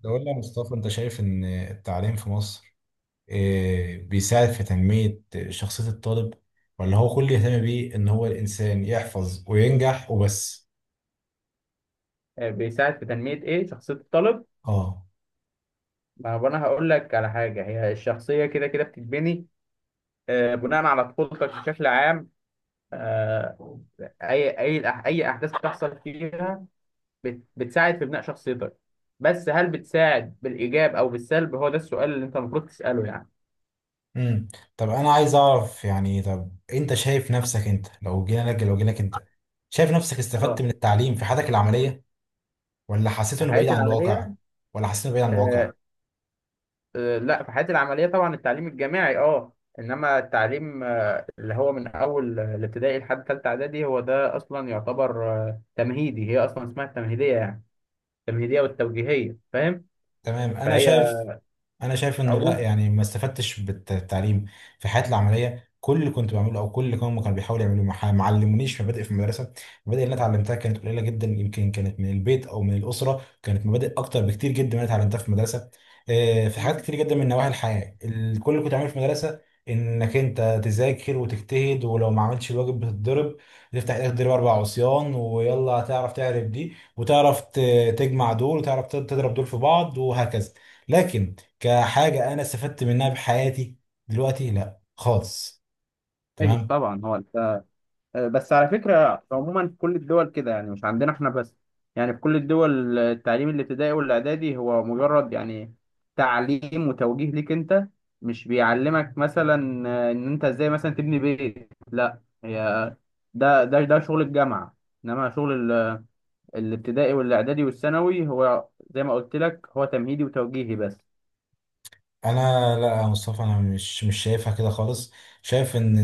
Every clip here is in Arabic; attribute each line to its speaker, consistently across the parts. Speaker 1: ده قول لي يا مصطفى، انت شايف ان التعليم في مصر بيساعد في تنمية شخصية الطالب، ولا هو كل اللي يهتم بيه ان هو الانسان يحفظ وينجح وبس؟
Speaker 2: بيساعد في تنمية إيه شخصية الطالب.
Speaker 1: اه.
Speaker 2: ما هو أنا هقول لك على حاجة، هي الشخصية كده كده بتتبني بناء على طفولتك بشكل عام. آه، أي أحداث بتحصل فيها بتساعد في بناء شخصيتك. بس هل بتساعد بالإيجاب أو بالسلب؟ هو ده السؤال اللي أنت المفروض تسأله يعني.
Speaker 1: امم طب انا عايز اعرف. يعني طب انت شايف نفسك، انت لو جينا لك لو جيلك، انت شايف نفسك استفدت
Speaker 2: أه.
Speaker 1: من التعليم في حياتك العملية ولا حسيت
Speaker 2: في
Speaker 1: انه بعيد
Speaker 2: حياتي
Speaker 1: عن
Speaker 2: العملية.
Speaker 1: الواقع؟ ولا حسيت انه بعيد عن الواقع؟
Speaker 2: آه، لا، في حياتي العملية طبعا التعليم الجامعي. إنما التعليم اللي هو من اول الابتدائي لحد ثالثه اعدادي هو ده اصلا يعتبر تمهيدي. هي اصلا اسمها التمهيديه يعني. التمهيديه والتوجيهيه، فاهم؟
Speaker 1: تمام. انا
Speaker 2: فهي
Speaker 1: شايف انا شايف انه لا،
Speaker 2: عموما.
Speaker 1: يعني ما استفدتش بالتعليم في حياتي العمليه. كل اللي كنت بعمله او كل اللي هم كانوا بيحاولوا يعملوه، ما علمونيش مبادئ في المدرسه. المبادئ اللي انا اتعلمتها كانت قليله جدا، يمكن كانت من البيت او من الاسره، كانت مبادئ اكتر بكتير جدا من اللي اتعلمتها في المدرسه. في حاجات كتير جدا من نواحي الحياه. كل اللي كنت بعمله في المدرسه انك انت تذاكر وتجتهد، ولو ما عملتش الواجب بتتضرب، تفتح ايدك تضرب اربع عصيان ويلا هتعرف، تعرف دي وتعرف تجمع دول وتعرف تضرب دول في بعض وهكذا. لكن كحاجة أنا استفدت منها بحياتي دلوقتي، لا خالص.
Speaker 2: ايوه
Speaker 1: تمام.
Speaker 2: طبعا. هو انت بس على فكره عموما في كل الدول كده، يعني مش عندنا احنا بس. يعني في كل الدول التعليم الابتدائي والاعدادي هو مجرد، يعني، تعليم وتوجيه ليك انت. مش بيعلمك مثلا ان انت ازاي مثلا تبني بيت، لا، هي ده شغل الجامعه. انما شغل الابتدائي والاعدادي والثانوي هو زي ما قلت لك هو تمهيدي وتوجيهي بس.
Speaker 1: انا لا يا مصطفى، انا مش شايفها كده خالص. شايف ان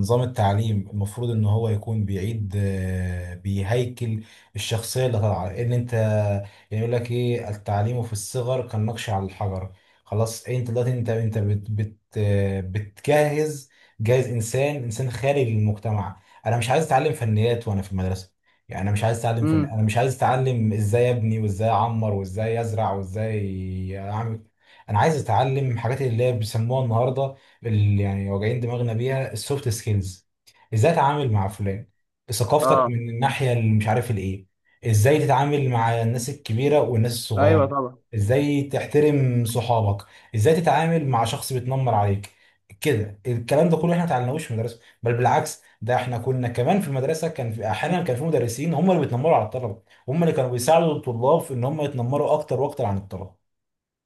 Speaker 1: نظام التعليم المفروض ان هو يكون بيعيد، بيهيكل الشخصيه اللي طالعه. ان انت يعني يقول لك ايه، التعليم في الصغر كالنقش على الحجر. خلاص انت دلوقتي انت انت بت بت آه، بتجهز، جاهز، انسان خارج للمجتمع. انا مش عايز اتعلم فنيات وانا في المدرسه. يعني انا مش عايز اتعلم فن،
Speaker 2: امم.
Speaker 1: انا مش عايز اتعلم ازاي ابني وازاي اعمر وازاي ازرع وازاي اعمل. انا عايز اتعلم حاجات اللي هي بيسموها النهارده، اللي يعني واجعين دماغنا بيها، السوفت سكيلز. ازاي اتعامل مع فلان، ثقافتك
Speaker 2: اه.
Speaker 1: من الناحيه اللي مش عارف الايه، ازاي تتعامل مع الناس الكبيره والناس
Speaker 2: ايوه
Speaker 1: الصغيره،
Speaker 2: طبعا.
Speaker 1: ازاي تحترم صحابك، ازاي تتعامل مع شخص بيتنمر عليك. كده الكلام ده كله احنا ما اتعلمناهوش في المدرسه، بل بالعكس ده احنا كنا كمان في المدرسه كان في احيانا كان في مدرسين هم اللي بيتنمروا على الطلبه، هم اللي كانوا بيساعدوا الطلاب في ان هم يتنمروا اكتر واكتر عن الطلبه.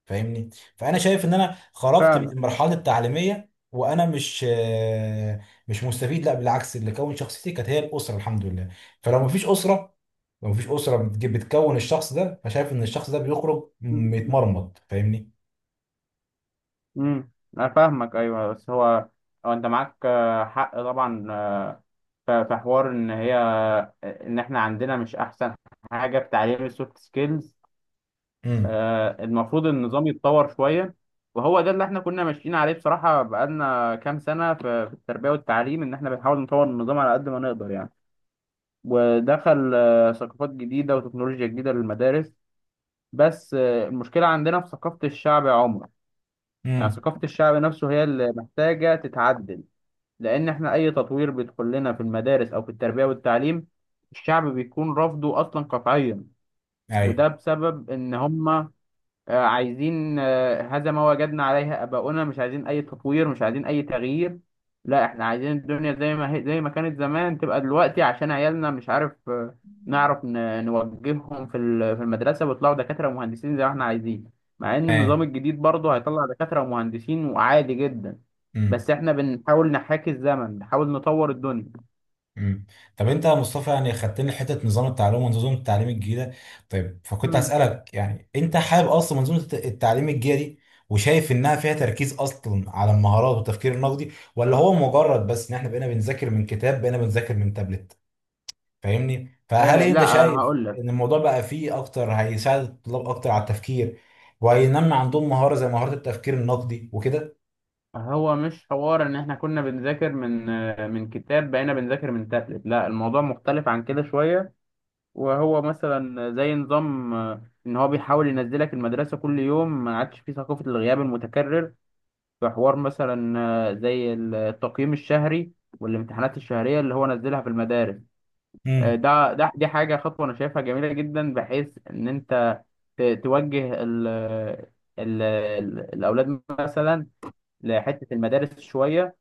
Speaker 1: فاهمني؟ فانا شايف ان انا خرجت من
Speaker 2: فعلا.
Speaker 1: المرحله التعليميه وانا مش مستفيد. لا بالعكس، اللي كون شخصيتي كانت هي الاسره، الحمد لله. فلو مفيش اسره، لو مفيش اسره بتكون الشخص ده، فشايف ان الشخص ده بيخرج متمرمط. فاهمني؟
Speaker 2: امم. انا فاهمك. ايوه، بس هو انت معاك حق طبعا. في حوار ان هي ان احنا عندنا مش احسن حاجه في تعليم السوفت سكيلز.
Speaker 1: امم.
Speaker 2: المفروض النظام يتطور شويه. وهو ده اللي احنا كنا ماشيين عليه بصراحه، بقالنا كام سنه في التربيه والتعليم، ان احنا بنحاول نطور النظام على قد ما نقدر يعني. ودخل ثقافات جديدة وتكنولوجيا جديدة للمدارس. بس المشكلة عندنا في ثقافة الشعب، يا عمر. يعني
Speaker 1: امم.
Speaker 2: ثقافة الشعب نفسه هي اللي محتاجة تتعدل. لأن احنا أي تطوير بيدخل لنا في المدارس أو في التربية والتعليم، الشعب بيكون رافضه أصلا قطعيا.
Speaker 1: ايوه
Speaker 2: وده بسبب إن هم عايزين هذا ما وجدنا عليه آباؤنا. مش عايزين أي تطوير، مش عايزين أي تغيير. لا، إحنا عايزين الدنيا زي ما هي، زي ما كانت زمان تبقى دلوقتي عشان عيالنا، مش عارف، نعرف نوجههم في في المدرسة ويطلعوا دكاترة ومهندسين زي ما إحنا عايزين. مع إن النظام
Speaker 1: تمام.
Speaker 2: الجديد برضه هيطلع دكاترة ومهندسين وعادي جدا.
Speaker 1: مم.
Speaker 2: بس إحنا بنحاول نحاكي الزمن، بنحاول نطور الدنيا.
Speaker 1: مم. طب انت يا مصطفى يعني خدتني حته نظام التعلم ونظام التعليم الجديده. طيب فكنت
Speaker 2: مم.
Speaker 1: هسالك، يعني انت حابب اصلا منظومه التعليم الجديده دي وشايف انها فيها تركيز اصلا على المهارات والتفكير النقدي، ولا هو مجرد بس ان احنا بقينا بنذاكر من كتاب بقينا بنذاكر من تابلت؟ فاهمني؟ فهل انت
Speaker 2: لا،
Speaker 1: شايف
Speaker 2: هقول لك.
Speaker 1: ان الموضوع بقى فيه اكتر، هيساعد الطلاب اكتر على التفكير وهينمي عندهم مهاره زي مهاره التفكير النقدي وكده؟
Speaker 2: هو مش حوار ان احنا كنا بنذاكر من كتاب بقينا بنذاكر من تابلت. لا، الموضوع مختلف عن كده شوية. وهو مثلا زي نظام ان هو بيحاول ينزلك المدرسة كل يوم، ما عادش فيه ثقافة الغياب المتكرر. في حوار مثلا زي التقييم الشهري والامتحانات الشهرية اللي هو نزلها في المدارس. ده ده دي حاجة، خطوة انا شايفها جميلة جدا بحيث ان انت توجه الاولاد مثلا لحتة المدارس شوية.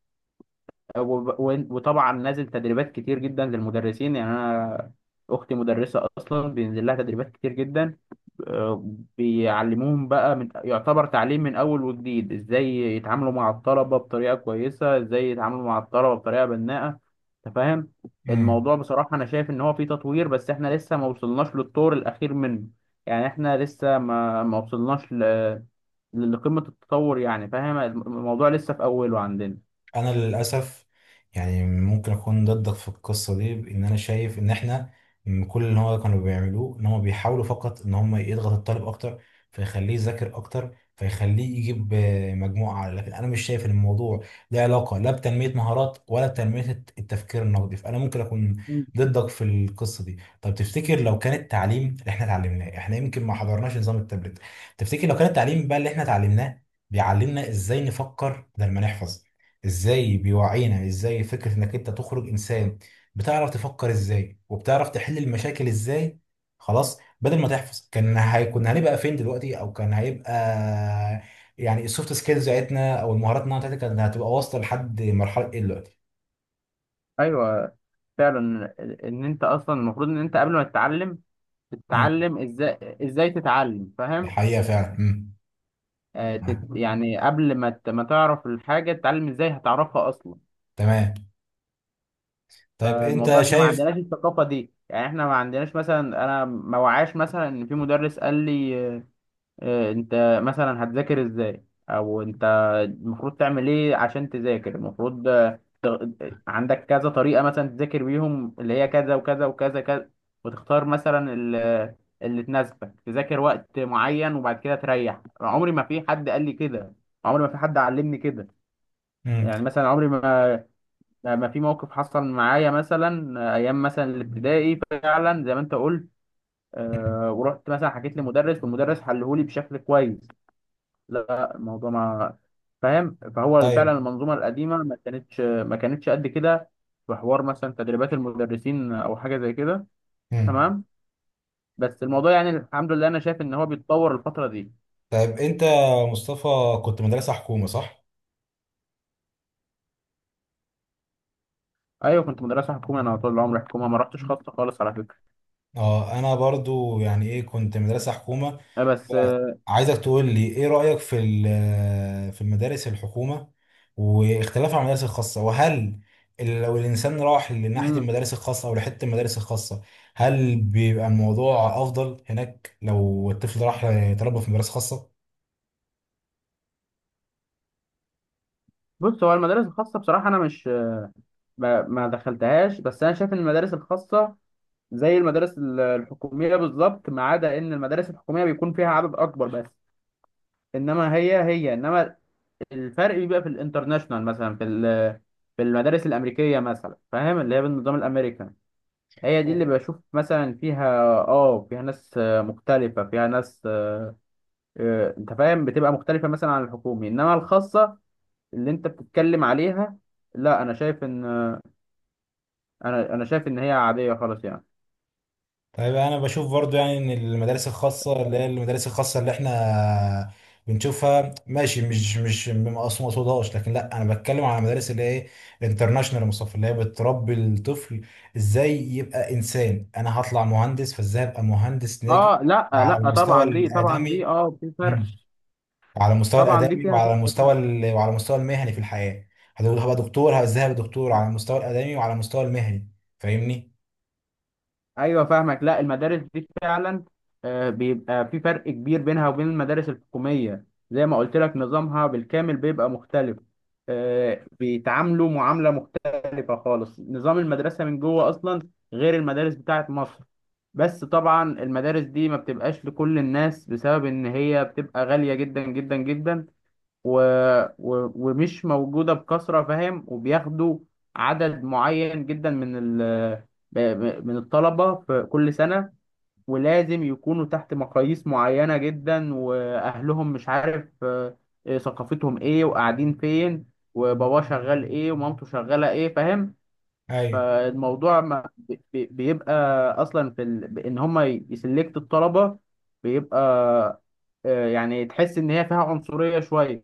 Speaker 2: وطبعا نازل تدريبات كتير جدا للمدرسين، يعني انا اختي مدرسه اصلا بينزل لها تدريبات كتير جدا. آه، بيعلموهم بقى من يعتبر تعليم من اول وجديد. ازاي يتعاملوا مع الطلبه بطريقه كويسه، ازاي يتعاملوا مع الطلبه بطريقه بناءه. انت فاهم.
Speaker 1: امم.
Speaker 2: الموضوع بصراحه انا شايف ان هو فيه تطوير، بس احنا لسه ما وصلناش للطور الاخير منه. يعني احنا لسه ما وصلناش لقمه التطور، يعني، فاهم؟ الموضوع لسه في اوله عندنا.
Speaker 1: انا للاسف يعني ممكن اكون ضدك في القصه دي. ان انا شايف ان احنا، كل اللي هو كانوا بيعملوه ان هم بيحاولوا فقط ان هم يضغط الطالب اكتر فيخليه يذاكر اكتر فيخليه يجيب مجموعه اعلى. لكن انا مش شايف ان الموضوع له علاقه لا بتنميه مهارات ولا بتنميه التفكير النقدي. فانا ممكن اكون
Speaker 2: مم.
Speaker 1: ضدك في القصه دي. طب تفتكر لو كان التعليم اللي احنا اتعلمناه، احنا يمكن ما حضرناش نظام التابلت، تفتكر لو كان التعليم بقى اللي احنا اتعلمناه بيعلمنا ازاي نفكر بدل ما نحفظ، ازاي بيوعينا، ازاي فكرة انك انت تخرج انسان بتعرف تفكر ازاي وبتعرف تحل المشاكل ازاي، خلاص بدل ما تحفظ، كان هيكون هنبقى فين دلوقتي؟ او كان هيبقى يعني السوفت سكيلز بتاعتنا او المهارات النوعية بتاعتنا كانت هتبقى واصلة لحد مرحلة ايه دلوقتي؟
Speaker 2: ايوه فعلا. ان انت اصلا المفروض ان انت قبل ما تتعلم،
Speaker 1: امم.
Speaker 2: تتعلم ازاي، ازاي تتعلم،
Speaker 1: دي
Speaker 2: فاهم؟
Speaker 1: حقيقة فعلا. امم. آه،
Speaker 2: يعني قبل ما تعرف الحاجه تتعلم ازاي، هتعرفها اصلا.
Speaker 1: تمام. طيب
Speaker 2: فالموضوع
Speaker 1: انت
Speaker 2: احنا ما
Speaker 1: شايف.
Speaker 2: عندناش الثقافه دي. يعني احنا ما عندناش مثلا، انا ما وعاش مثلا ان في مدرس قال لي انت مثلا هتذاكر ازاي. او انت المفروض تعمل ايه عشان تذاكر. المفروض عندك كذا طريقة مثلا تذاكر بيهم، اللي هي كذا وكذا وكذا كذا. وتختار مثلا اللي تناسبك، تذاكر وقت معين وبعد كده تريح. عمري ما في حد قال لي كده. عمري ما في حد علمني كده.
Speaker 1: امم.
Speaker 2: يعني مثلا عمري ما في موقف حصل معايا مثلا ايام مثلا الابتدائي، فعلا زي ما انت قلت.
Speaker 1: أمم.
Speaker 2: ورحت مثلا حكيت لمدرس والمدرس حلهولي بشكل كويس. لا، الموضوع، ما فاهم. فهو فعلا
Speaker 1: طيب.
Speaker 2: المنظومه القديمه ما كانتش قد كده. في حوار مثلا تدريبات المدرسين او حاجه زي كده.
Speaker 1: امم.
Speaker 2: تمام. بس الموضوع، يعني، الحمد لله، انا شايف ان هو بيتطور الفتره دي.
Speaker 1: طيب انت يا مصطفى كنت مدرسة حكومة، صح؟
Speaker 2: ايوه كنت مدرسه حكومه. انا طول العمر حكومه، ما رحتش خاصه خالص على فكره.
Speaker 1: اه انا برضو يعني ايه كنت مدرسة حكومة.
Speaker 2: بس.
Speaker 1: عايزك تقول لي ايه رأيك في في المدارس الحكومة واختلافها عن المدارس الخاصة، وهل لو الإنسان راح لناحية
Speaker 2: امم.
Speaker 1: المدارس الخاصة أو لحتة المدارس الخاصة، هل بيبقى الموضوع أفضل هناك لو الطفل راح تربى في مدارس خاصة؟
Speaker 2: بص، هو المدارس الخاصه بصراحه انا مش ما دخلتهاش، بس انا شايف ان المدارس الخاصه زي المدارس الحكوميه بالظبط، ما عدا ان المدارس الحكوميه بيكون فيها عدد اكبر بس. انما هي انما الفرق بيبقى في الانترناشونال، مثلا في في المدارس الامريكيه مثلا، فاهم؟ اللي هي بالنظام الامريكان هي دي اللي بشوف مثلا فيها اه، فيها ناس مختلفه، فيها ناس انت فاهم. بتبقى مختلفه مثلا عن الحكومي، انما الخاصه اللي انت بتتكلم عليها، لا، انا شايف ان انا شايف ان هي عاديه خالص يعني.
Speaker 1: طيب انا بشوف برضو يعني ان المدارس الخاصه، اللي هي المدارس الخاصه اللي احنا بنشوفها ماشي، مش مقصوم مقصودهاش، لكن لا انا بتكلم على المدارس اللي هي الانترناشونال يا مصطفى، اللي هي بتربي الطفل ازاي يبقى انسان. انا هطلع مهندس، فازاي ابقى مهندس ناجح
Speaker 2: اه لا.
Speaker 1: على
Speaker 2: لا
Speaker 1: المستوى
Speaker 2: طبعا دي
Speaker 1: الادمي.
Speaker 2: اه في فرق.
Speaker 1: مم. على المستوى
Speaker 2: طبعا دي
Speaker 1: الادمي
Speaker 2: فيها
Speaker 1: وعلى
Speaker 2: فرق
Speaker 1: المستوى
Speaker 2: طبعا.
Speaker 1: وعلى المستوى المهني في الحياه. هبقى دكتور ازاي، هبقى دكتور على المستوى الادمي وعلى المستوى المهني. فاهمني؟
Speaker 2: ايوه فاهمك. لا، المدارس دي فعلا بيبقى في فرق كبير بينها وبين المدارس الحكوميه. زي ما قلت لك، نظامها بالكامل بيبقى مختلف. بيتعاملوا معامله مختلفه خالص. نظام المدرسه من جوه اصلا غير المدارس بتاعه مصر. بس طبعا المدارس دي ما بتبقاش لكل الناس بسبب ان هي بتبقى غاليه جدا جدا جدا. و... ومش موجودة بكثرة، فاهم؟ وبياخدوا عدد معين جدا من من الطلبة في كل سنة. ولازم يكونوا تحت مقاييس معينة جدا، وأهلهم مش عارف، ثقافتهم إيه وقاعدين فين، وباباه شغال إيه ومامته شغالة إيه، فاهم؟
Speaker 1: ايوه
Speaker 2: فالموضوع ما بيبقى أصلا في إن هما يسلكت الطلبة. بيبقى يعني تحس إن هي فيها عنصرية شوية،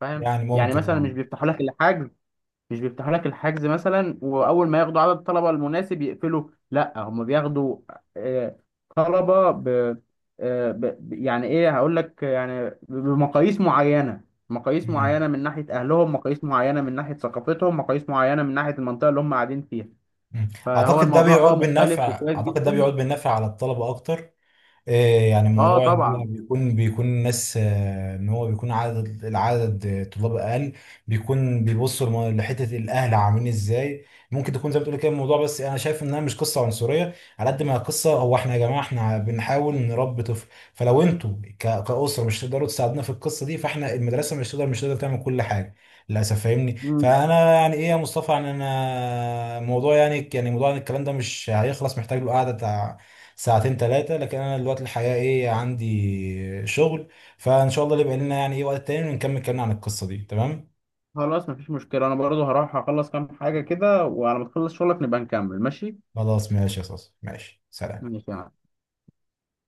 Speaker 2: فاهم؟
Speaker 1: يعني
Speaker 2: يعني
Speaker 1: ممكن
Speaker 2: مثلا مش
Speaker 1: اه.
Speaker 2: بيفتحوا لك الحجز. مش بيفتحوا لك الحجز مثلا. واول ما ياخدوا عدد الطلبه المناسب يقفلوا. لا، هم بياخدوا آه، طلبه ب آه، ب ب- يعني ايه هقول لك، يعني بمقاييس معينه، مقاييس
Speaker 1: مم.
Speaker 2: معينه من ناحيه اهلهم، مقاييس معينه من ناحيه ثقافتهم، مقاييس معينه من ناحيه المنطقه اللي هم قاعدين فيها.
Speaker 1: مم.
Speaker 2: فهو
Speaker 1: اعتقد ده
Speaker 2: الموضوع
Speaker 1: بيعود
Speaker 2: مختلف
Speaker 1: بالنفع،
Speaker 2: وكويس
Speaker 1: اعتقد ده
Speaker 2: جدا.
Speaker 1: بيعود بالنفع على الطلبه اكتر. إيه يعني
Speaker 2: اه،
Speaker 1: موضوع ان هو
Speaker 2: طبعا.
Speaker 1: بيكون الناس ان هو بيكون عدد العدد آه، طلاب اقل، بيكون بيبصوا لحته الاهل عاملين ازاي. ممكن تكون زي ما بتقول كده الموضوع، بس انا شايف انها مش قصه عنصريه على قد ما هي قصه هو احنا يا جماعه احنا بنحاول نربي طفل، فلو انتوا كاسره مش تقدروا تساعدونا في القصه دي، فاحنا المدرسه مش تقدر تعمل كل حاجه للاسف. فاهمني؟
Speaker 2: مم.
Speaker 1: فانا يعني ايه يا مصطفى، يعني انا موضوع يعني، يعني موضوع الكلام ده مش هيخلص، محتاج له قعده ساعتين 3. لكن أنا دلوقتي الحقيقة إيه عندي شغل، فإن شاء الله اللي بقى لنا يعني إيه وقت تاني ونكمل كلامنا عن القصة دي، تمام؟
Speaker 2: خلاص، مفيش مشكله. انا برضو هروح اخلص كام حاجه كده، وعلى ما تخلص شغلك نبقى نكمل، ماشي.
Speaker 1: خلاص ماشي يا صاصة، ماشي سلام.
Speaker 2: ماشي، يا معلم.